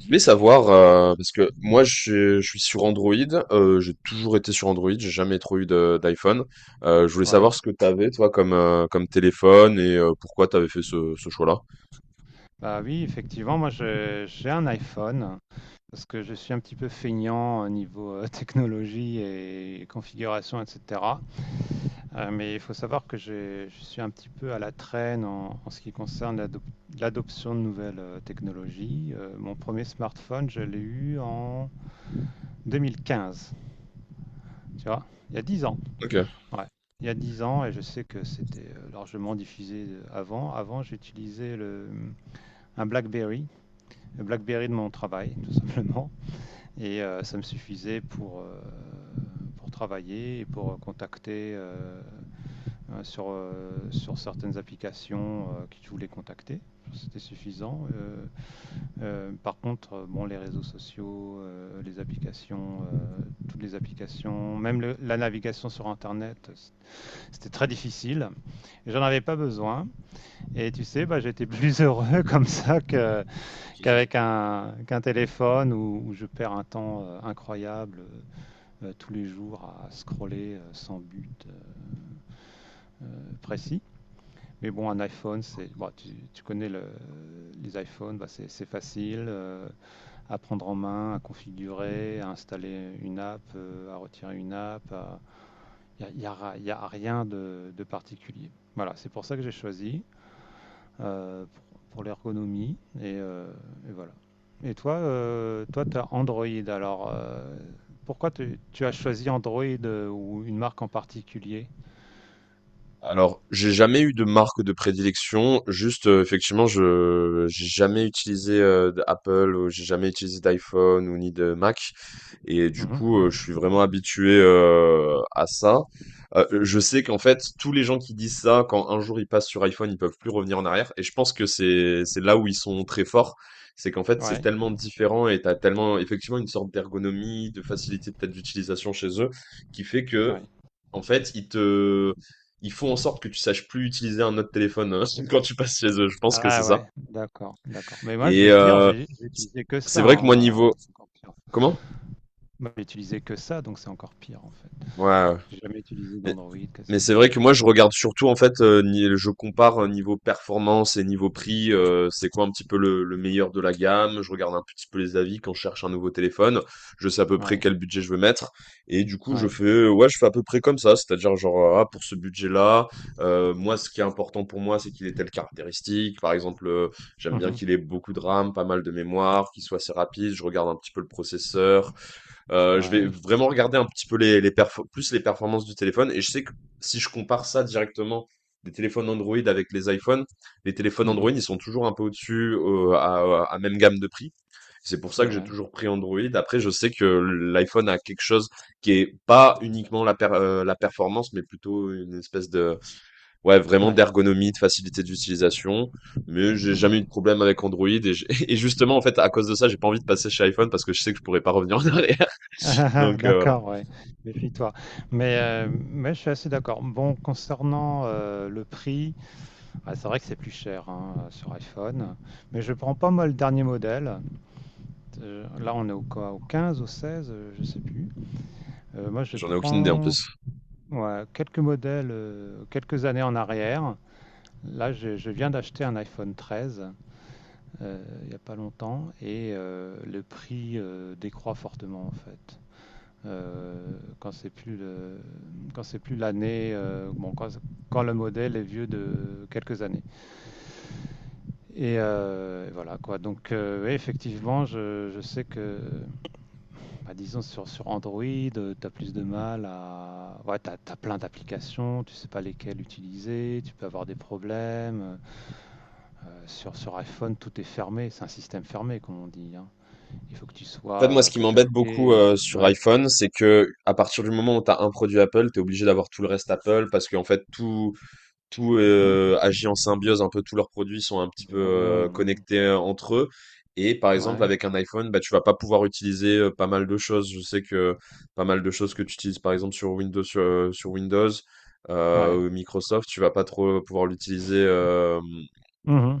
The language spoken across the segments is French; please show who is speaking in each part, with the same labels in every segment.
Speaker 1: Je voulais savoir, parce que moi je suis sur Android, j'ai toujours été sur Android, j'ai jamais trop eu d'iPhone. Je voulais
Speaker 2: Ouais.
Speaker 1: savoir ce que t'avais toi comme, comme téléphone et pourquoi t'avais fait ce choix-là.
Speaker 2: Bah oui, effectivement, j'ai un iPhone parce que je suis un petit peu feignant au niveau technologie et configuration, etc. Mais il faut savoir que je suis un petit peu à la traîne en ce qui concerne l'adoption de nouvelles technologies. Mon premier smartphone, je l'ai eu en 2015, tu vois, il y a 10 ans.
Speaker 1: Ok.
Speaker 2: Ouais. Il y a 10 ans et je sais que c'était largement diffusé avant. Avant, un BlackBerry de mon travail, tout simplement. Et ça me suffisait pour travailler et pour contacter sur certaines applications que je voulais contacter. C'était suffisant. Par contre, bon, les réseaux sociaux, les applications, toutes les applications, même la navigation sur Internet, c'était très difficile. J'en avais pas besoin. Et tu sais, bah, j'étais plus heureux comme ça qu'avec qu'un téléphone où je perds un temps incroyable tous les jours à scroller sans but précis. Mais bon, un iPhone, bon, tu connais les iPhones, bah, c'est facile à prendre en main, à configurer, à installer une app, à retirer une app. Il n'y a rien de particulier. Voilà, c'est pour ça que j'ai choisi. euh, pour, pour l'ergonomie. Et voilà. Et toi, toi, tu as Android. Alors, pourquoi tu as choisi Android ou une marque en particulier?
Speaker 1: Alors, j'ai jamais eu de marque de prédilection, juste effectivement, je j'ai jamais utilisé d'Apple, ou j'ai jamais utilisé d'iPhone ou ni de Mac. Et du
Speaker 2: Mhm.
Speaker 1: coup, je suis vraiment habitué, à ça. Je sais qu'en fait, tous les gens qui disent ça, quand un jour ils passent sur iPhone, ils peuvent plus revenir en arrière et je pense que c'est là où ils sont très forts. C'est qu'en fait, c'est
Speaker 2: Ouais,
Speaker 1: tellement différent et t'as tellement effectivement une sorte d'ergonomie, de facilité peut-être d'utilisation chez eux, qui fait que
Speaker 2: ouais.
Speaker 1: en fait, ils font en sorte que tu saches plus utiliser un autre téléphone, quand tu passes chez eux. Je pense que c'est
Speaker 2: Ah
Speaker 1: ça
Speaker 2: ouais, d'accord, d'accord. Mais moi, je
Speaker 1: et
Speaker 2: vais te dire, j'ai utilisé que
Speaker 1: c'est
Speaker 2: ça,
Speaker 1: vrai que moi
Speaker 2: hein, alors
Speaker 1: niveau
Speaker 2: c'est encore pire.
Speaker 1: comment?
Speaker 2: Moi, j'ai utilisé que ça, donc c'est encore pire en fait.
Speaker 1: Ouais, ouais.
Speaker 2: J'ai jamais utilisé d'Android
Speaker 1: Mais c'est
Speaker 2: quasiment.
Speaker 1: vrai que moi je regarde surtout en fait, ni je compare, niveau performance et niveau prix, c'est quoi un petit peu le meilleur de la gamme. Je regarde un petit peu les avis quand je cherche un nouveau téléphone. Je sais à peu près
Speaker 2: Ouais,
Speaker 1: quel budget je veux mettre et du coup je
Speaker 2: ouais.
Speaker 1: fais, ouais, je fais à peu près comme ça. C'est-à-dire genre, ah pour ce budget-là, moi ce qui est important pour moi, c'est qu'il ait telle caractéristique. Par exemple, j'aime bien
Speaker 2: Mhm.
Speaker 1: qu'il ait beaucoup de RAM, pas mal de mémoire, qu'il soit assez rapide. Je regarde un petit peu le processeur, je vais
Speaker 2: Ouais,
Speaker 1: vraiment
Speaker 2: ouais.
Speaker 1: regarder un petit peu plus les performances du téléphone. Et je sais que si je compare ça directement des téléphones Android avec les iPhones, les téléphones Android,
Speaker 2: Mhm.
Speaker 1: ils sont toujours un peu au-dessus, à même gamme de prix. C'est pour
Speaker 2: C'est
Speaker 1: ça que j'ai
Speaker 2: vrai.
Speaker 1: toujours pris Android. Après, je sais que l'iPhone a quelque chose qui est pas uniquement la performance, mais plutôt une espèce de, ouais, vraiment
Speaker 2: Ouais.
Speaker 1: d'ergonomie, de facilité d'utilisation. Mais j'ai
Speaker 2: Mhm.
Speaker 1: jamais eu de problème avec Android. Et justement, en fait, à cause de ça, j'ai pas envie de passer chez iPhone parce que je sais que je pourrais pas revenir en arrière.
Speaker 2: Ah, ah, ah,
Speaker 1: Donc voilà.
Speaker 2: d'accord, ouais. Méfie-toi. Mais je suis assez d'accord. Bon, concernant le prix, ah, c'est vrai que c'est plus cher hein, sur iPhone. Mais je prends pas moi le dernier modèle. Là, on est au quoi? Au 15, au 16, je sais plus. Moi, je
Speaker 1: J'en ai aucune idée en
Speaker 2: prends
Speaker 1: plus.
Speaker 2: ouais, quelques modèles, quelques années en arrière. Là, je viens d'acheter un iPhone 13 il n'y a pas longtemps et le prix décroît fortement en fait. euh, quand c'est plus le- Quand c'est plus l'année, quand le modèle est vieux de quelques années. Et voilà quoi. Donc ouais, effectivement, je sais que, bah, disons sur Android, tu as plus de mal à, ouais, t'as plein d'applications, tu sais pas lesquelles utiliser, tu peux avoir des problèmes. Sur iPhone, tout est fermé, c'est un système fermé comme on dit, hein. Il faut que tu
Speaker 1: En fait,
Speaker 2: sois
Speaker 1: moi, ce qui m'embête
Speaker 2: catalogué.
Speaker 1: beaucoup sur
Speaker 2: Ouais.
Speaker 1: iPhone, c'est que à partir du moment où tu as un produit Apple, tu es obligé d'avoir tout le reste Apple parce qu'en fait, tout, tout
Speaker 2: Hein.
Speaker 1: euh, agit en symbiose. Un peu tous leurs produits sont un petit peu
Speaker 2: non, non.
Speaker 1: connectés entre eux. Et par exemple,
Speaker 2: Ouais.
Speaker 1: avec un iPhone, bah, tu vas pas pouvoir utiliser pas mal de choses. Je sais que pas mal de choses que tu utilises, par exemple, sur Windows, sur Windows,
Speaker 2: Ouais.
Speaker 1: ou Microsoft, tu vas pas trop pouvoir l'utiliser.
Speaker 2: Mmh.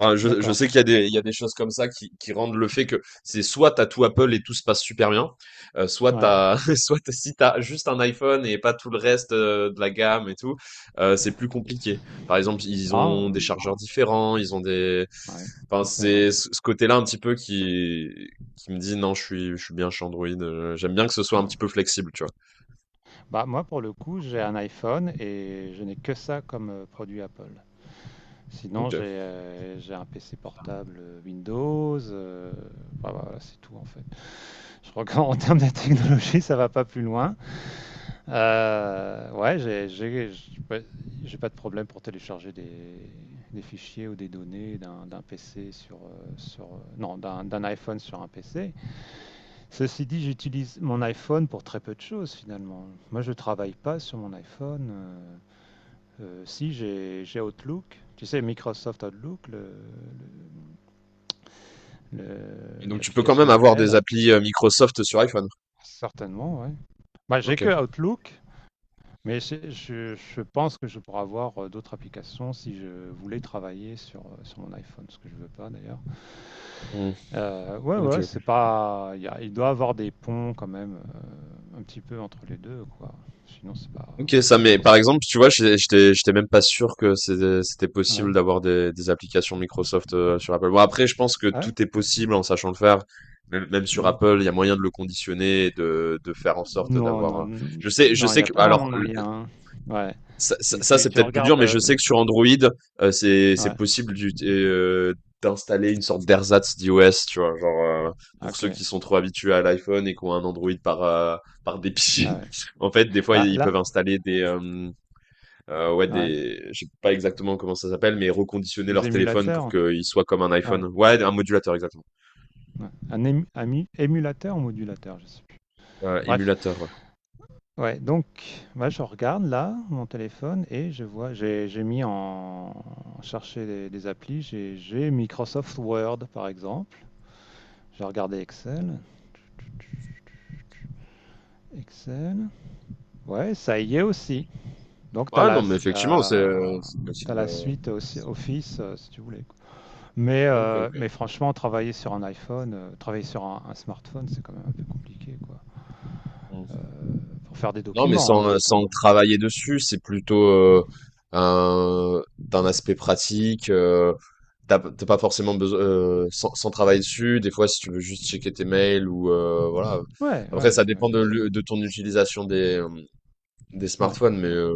Speaker 1: Enfin, je
Speaker 2: D'accord,
Speaker 1: sais qu'il y a des, il y a des choses comme ça qui rendent le fait que c'est soit t'as tout Apple et tout se passe super bien,
Speaker 2: ouais.
Speaker 1: si t'as juste un iPhone et pas tout le reste de la gamme et tout, c'est plus compliqué. Par exemple, ils
Speaker 2: Ah,
Speaker 1: ont des chargeurs
Speaker 2: mmh,
Speaker 1: différents,
Speaker 2: ouais,
Speaker 1: enfin,
Speaker 2: ça, c'est vrai.
Speaker 1: c'est ce côté-là un petit peu qui me dit non, je suis bien chez Android. J'aime bien que ce soit un
Speaker 2: Ouais.
Speaker 1: petit peu flexible, tu vois.
Speaker 2: Bah, moi, pour le coup, j'ai un iPhone et je n'ai que ça comme, produit Apple. Sinon,
Speaker 1: Ok.
Speaker 2: j'ai un PC portable, Windows, bah, voilà, c'est tout, en fait. Je crois qu'en en termes de technologie, ça va pas plus loin. Heu, ouais, j'ai j'ai j ouais, j'ai pas de problème pour télécharger des fichiers ou des données d'un d'un PC sur, heu, sur, heu, non, d'un iPhone sur un PC. Ceci dit, j'utilise mon iPhone pour très peu de choses finalement. Moi, je travaille pas sur mon iPhone. Si j'ai Outlook, tu sais, Microsoft Outlook,
Speaker 1: Et donc tu peux quand
Speaker 2: l'application
Speaker 1: même avoir des
Speaker 2: d'email,
Speaker 1: applis Microsoft sur iPhone.
Speaker 2: certainement, ouais. Bah, j'ai
Speaker 1: Ok.
Speaker 2: que Outlook, mais je pense que je pourrais avoir d'autres applications si je voulais travailler sur, sur mon iPhone, ce que je veux pas d'ailleurs.
Speaker 1: Hmm.
Speaker 2: Ouais, ouais,
Speaker 1: Ok.
Speaker 2: c'est pas, Il y a- il doit y avoir des ponts quand même, un petit peu entre les deux, quoi. Sinon, c'est pas,
Speaker 1: OK, ça mais
Speaker 2: sinon.
Speaker 1: par exemple, tu vois, j'étais même pas sûr que c'était
Speaker 2: Ouais.
Speaker 1: possible d'avoir des applications Microsoft sur Apple. Bon, après, je pense que
Speaker 2: Ah ouais?
Speaker 1: tout est possible en sachant le faire. Même, même sur
Speaker 2: Hmm.
Speaker 1: Apple, il y a moyen de le conditionner et de faire en sorte
Speaker 2: Non, non,
Speaker 1: d'avoir. Je sais, je
Speaker 2: non, il
Speaker 1: sais
Speaker 2: n'y a
Speaker 1: que
Speaker 2: pas vraiment de moyen, hein. Ouais.
Speaker 1: ça, ça, ça, c'est
Speaker 2: Tu
Speaker 1: peut-être plus dur,
Speaker 2: regardes
Speaker 1: mais je
Speaker 2: le.
Speaker 1: sais que sur Android, c'est
Speaker 2: Ouais,
Speaker 1: possible d'installer une sorte d'ersatz d'iOS, tu vois, genre euh, pour
Speaker 2: ok.
Speaker 1: ceux qui sont trop habitués à l'iPhone et qui ont un Android par
Speaker 2: Ah
Speaker 1: dépit.
Speaker 2: ouais.
Speaker 1: En fait, des fois,
Speaker 2: Bah
Speaker 1: ils peuvent
Speaker 2: là,
Speaker 1: installer des, ouais
Speaker 2: ouais.
Speaker 1: des je sais pas exactement comment ça s'appelle, mais reconditionner
Speaker 2: Des
Speaker 1: leur téléphone pour
Speaker 2: émulateurs.
Speaker 1: qu'il soit comme un
Speaker 2: Ouais.
Speaker 1: iPhone. Ouais, un modulateur exactement.
Speaker 2: Ouais. Émulateur ou modulateur, je sais plus. Bref.
Speaker 1: Émulateur, ouais.
Speaker 2: Ouais, donc moi je regarde là mon téléphone et je vois, j'ai mis en chercher des applis, j'ai Microsoft Word par exemple. J'ai regardé Excel. Excel. Ouais, ça y est aussi. Donc, tu as
Speaker 1: Ouais, non,
Speaker 2: la,
Speaker 1: mais effectivement c'est,
Speaker 2: la,
Speaker 1: heu, c'est
Speaker 2: t'as
Speaker 1: possible,
Speaker 2: la suite aussi, Office, si tu voulais quoi.
Speaker 1: OK, OK.
Speaker 2: Mais franchement, travailler sur un iPhone, travailler sur un smartphone, c'est quand même un peu compliqué, quoi.
Speaker 1: Mmh.
Speaker 2: Euh, pour faire des
Speaker 1: Non mais
Speaker 2: documents, hein,
Speaker 1: sans, heu,
Speaker 2: j'entends.
Speaker 1: sans travailler dessus, c'est plutôt, un d'un aspect pratique, t'as p tu pas forcément besoin sans travailler dessus, des fois si tu veux juste checker tes mails ou voilà.
Speaker 2: Ouais, ouais, ouais,
Speaker 1: Après ça
Speaker 2: ouais,
Speaker 1: dépend
Speaker 2: bien sûr.
Speaker 1: de ton utilisation des, des
Speaker 2: Ouais,
Speaker 1: smartphones mais
Speaker 2: ouais.
Speaker 1: euh,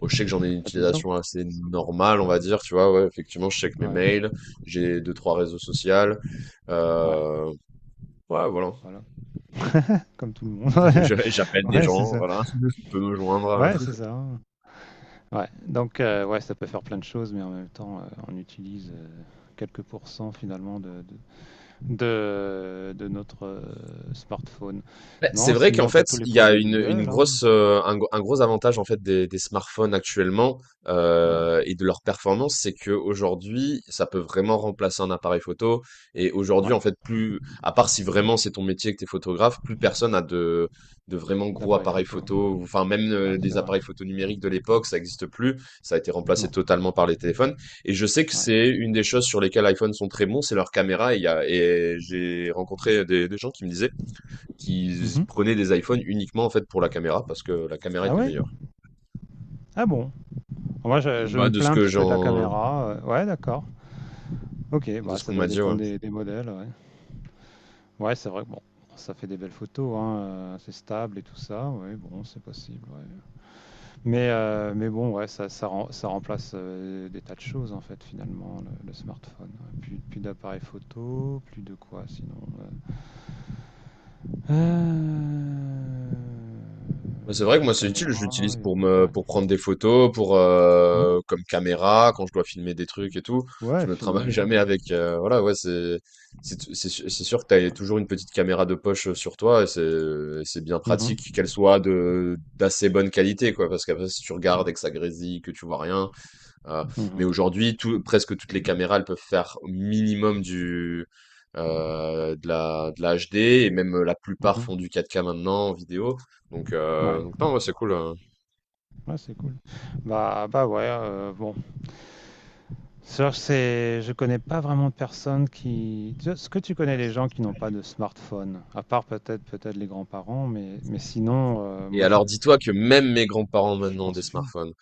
Speaker 1: bon, je sais que j'en ai une
Speaker 2: Bah, disons,
Speaker 1: utilisation assez normale, on va dire, tu vois, ouais, effectivement, je check mes
Speaker 2: ouais,
Speaker 1: mails, j'ai deux, trois réseaux sociaux,
Speaker 2: ouais.
Speaker 1: euh, ouais, voilà,
Speaker 2: Voilà, comme tout le monde. Ouais,
Speaker 1: J'appelle des
Speaker 2: ouais, c'est
Speaker 1: gens,
Speaker 2: ça.
Speaker 1: voilà, on peut me joindre.
Speaker 2: Ouais, c'est ça, hein. Ouais, donc, ouais, ça peut faire plein de choses, mais en même temps, on utilise quelques pourcents finalement de notre smartphone.
Speaker 1: Beh, c'est
Speaker 2: Non,
Speaker 1: vrai qu'en
Speaker 2: sinon, tu
Speaker 1: fait,
Speaker 2: as tous les
Speaker 1: il y a
Speaker 2: produits Google, hein.
Speaker 1: un gros avantage, en fait, des smartphones actuellement,
Speaker 2: Ouais,
Speaker 1: et de leur performance, c'est que aujourd'hui, ça peut vraiment remplacer un appareil photo et aujourd'hui,
Speaker 2: ouais,
Speaker 1: en fait, plus à part si vraiment c'est ton métier que tu es photographe, plus personne a de vraiment gros
Speaker 2: l'appareil
Speaker 1: appareils
Speaker 2: photo.
Speaker 1: photo enfin, même,
Speaker 2: Ouais, c'est
Speaker 1: des
Speaker 2: vrai.
Speaker 1: appareils photo numériques de l'époque, ça n'existe plus. Ça a été remplacé
Speaker 2: Non,
Speaker 1: totalement par les téléphones et je sais que
Speaker 2: ouais.
Speaker 1: c'est une des choses sur lesquelles iPhone sont très bons, c'est leurs caméras et il y a et j'ai rencontré des gens qui me disaient qui
Speaker 2: Mhm.
Speaker 1: prenaient des iPhones uniquement en fait pour la caméra parce que la caméra
Speaker 2: Ah
Speaker 1: était
Speaker 2: ouais?
Speaker 1: meilleure.
Speaker 2: Ah bon? Moi, je
Speaker 1: Bah
Speaker 2: me plains un petit peu de la caméra. Ouais, d'accord. Ok,
Speaker 1: de
Speaker 2: bah,
Speaker 1: ce
Speaker 2: ça
Speaker 1: qu'on m'a
Speaker 2: doit
Speaker 1: dit, ouais.
Speaker 2: dépendre des modèles. Ouais, ouais c'est vrai que bon, ça fait des belles photos, hein, c'est stable et tout ça. Ouais, bon, c'est possible, ouais. Mais bon, ouais, ça remplace des tas de choses en fait finalement le smartphone. Ouais, plus, plus d'appareils photo, plus de quoi sinon. euh, euh,
Speaker 1: Bah, c'est vrai que moi
Speaker 2: Truc
Speaker 1: c'est utile,
Speaker 2: caméra,
Speaker 1: je l'utilise
Speaker 2: et puis- ouais.
Speaker 1: pour prendre des photos, pour
Speaker 2: Hmm.
Speaker 1: comme caméra quand je dois filmer des trucs et tout. Je
Speaker 2: Ouais,
Speaker 1: me travaille
Speaker 2: filmer,
Speaker 1: jamais
Speaker 2: ouais.
Speaker 1: avec voilà, ouais, c'est c'est sûr que t'as
Speaker 2: Ouais.
Speaker 1: toujours une petite caméra de poche sur toi et c'est bien
Speaker 2: Mhm.
Speaker 1: pratique qu'elle soit de d'assez bonne qualité quoi parce qu'après si tu regardes
Speaker 2: Mhm.
Speaker 1: et que ça grésille que tu vois rien. Heu, mais
Speaker 2: Mhm.
Speaker 1: aujourd'hui, tout presque toutes les caméras, elles peuvent faire au minimum du, de la HD et même, la plupart font
Speaker 2: Mhm.
Speaker 1: du 4K maintenant en vidéo. Donc,
Speaker 2: Ouais.
Speaker 1: non, ouais, c'est cool,
Speaker 2: Ouais, c'est cool. Bah bah ouais, bon. Ça, c'est, je connais pas vraiment de personnes qui. Tu- Est-ce que tu connais les gens qui n'ont pas de smartphone? À part peut-être les grands-parents, mais sinon,
Speaker 1: et
Speaker 2: moi
Speaker 1: alors dis-toi que même mes grands-parents
Speaker 2: je
Speaker 1: maintenant ont des
Speaker 2: pense plus.
Speaker 1: smartphones.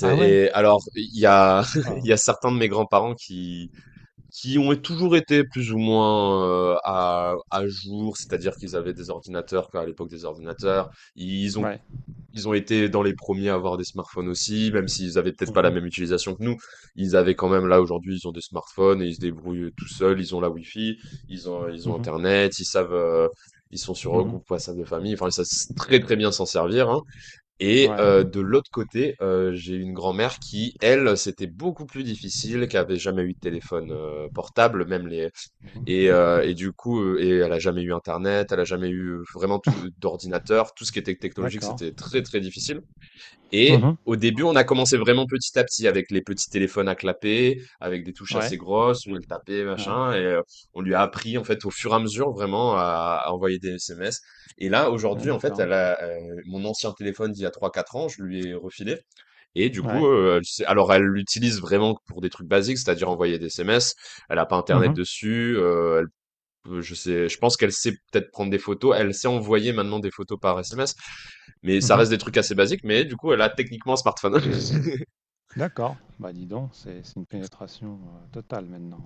Speaker 2: Ah ouais?
Speaker 1: Et alors il y a il
Speaker 2: Ah,
Speaker 1: y a certains de mes grands-parents qui ont toujours été plus ou moins, à jour, c'est-à-dire qu'ils avaient des ordinateurs, quoi, à l'époque des ordinateurs. Ils ont
Speaker 2: ouais.
Speaker 1: Ils ont été dans les premiers à avoir des smartphones aussi, même s'ils avaient peut-être pas la
Speaker 2: Mhm,
Speaker 1: même utilisation que nous. Ils avaient quand même, là, aujourd'hui, ils ont des smartphones et ils se débrouillent tout seuls. Ils ont la Wi-Fi, ils ont
Speaker 2: mhm,
Speaker 1: Internet, ils savent, ils sont sur un
Speaker 2: mhm.
Speaker 1: groupe WhatsApp de famille. Enfin, ils savent très, très bien s'en servir, hein. Et
Speaker 2: Ouais.
Speaker 1: euh, de l'autre côté, j'ai une grand-mère qui, elle, c'était beaucoup plus difficile, qui avait jamais eu de téléphone portable, même les
Speaker 2: Mhm.
Speaker 1: Et du coup, et elle a jamais eu Internet, elle a jamais eu vraiment tout d'ordinateur, tout ce qui était technologique,
Speaker 2: D'accord.
Speaker 1: c'était très très difficile. Et
Speaker 2: Mhm.
Speaker 1: au début, on a commencé vraiment petit à petit avec les petits téléphones à clapper, avec des touches
Speaker 2: Ouais.
Speaker 1: assez grosses où elle tapait,
Speaker 2: Ouais.
Speaker 1: machin. Et on lui a appris, en fait, au fur et à mesure, vraiment, à envoyer des SMS. Et là,
Speaker 2: Ouais,
Speaker 1: aujourd'hui, en fait,
Speaker 2: d'accord.
Speaker 1: elle a, mon ancien téléphone d'il y a trois quatre ans, je lui ai refilé. Et du coup,
Speaker 2: Ouais.
Speaker 1: alors, elle l'utilise vraiment pour des trucs basiques, c'est-à-dire envoyer des SMS. Elle a pas Internet
Speaker 2: Mhm,
Speaker 1: dessus. Je sais, je pense qu'elle sait peut-être prendre des photos. Elle sait envoyer maintenant des photos par SMS, mais ça
Speaker 2: mhm.
Speaker 1: reste des trucs assez basiques, mais du coup, elle a techniquement un smartphone.
Speaker 2: D'accord. Bah dis donc, c'est une pénétration totale maintenant,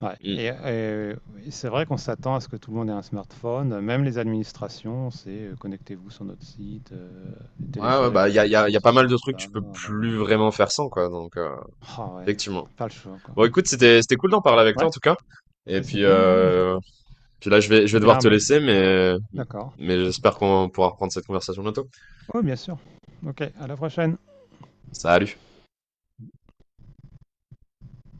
Speaker 2: hein. Ouais,
Speaker 1: Mm.
Speaker 2: c'est vrai qu'on s'attend à ce que tout le monde ait un smartphone, même les administrations, c'est connectez-vous sur notre site,
Speaker 1: Ouais, ouais,
Speaker 2: téléchargez
Speaker 1: bah, il y a, y a,
Speaker 2: l'application
Speaker 1: y a pas mal
Speaker 2: ceci,
Speaker 1: de trucs que
Speaker 2: cela.
Speaker 1: tu peux plus vraiment faire sans, quoi. Donc,
Speaker 2: Ah ouais,
Speaker 1: effectivement.
Speaker 2: pas le choix quoi.
Speaker 1: Bon, écoute,
Speaker 2: Bon.
Speaker 1: c'était cool d'en parler avec toi,
Speaker 2: Ouais,
Speaker 1: en tout cas. Et
Speaker 2: bah c'est
Speaker 1: puis,
Speaker 2: bien, ouais.
Speaker 1: euh, puis là, je vais, je
Speaker 2: Eh
Speaker 1: vais devoir
Speaker 2: bien,
Speaker 1: te
Speaker 2: bah,
Speaker 1: laisser, mais,
Speaker 2: d'accord.
Speaker 1: mais j'espère qu'on pourra reprendre cette conversation bientôt.
Speaker 2: Oui, bien sûr. Ok, à la prochaine.
Speaker 1: Salut.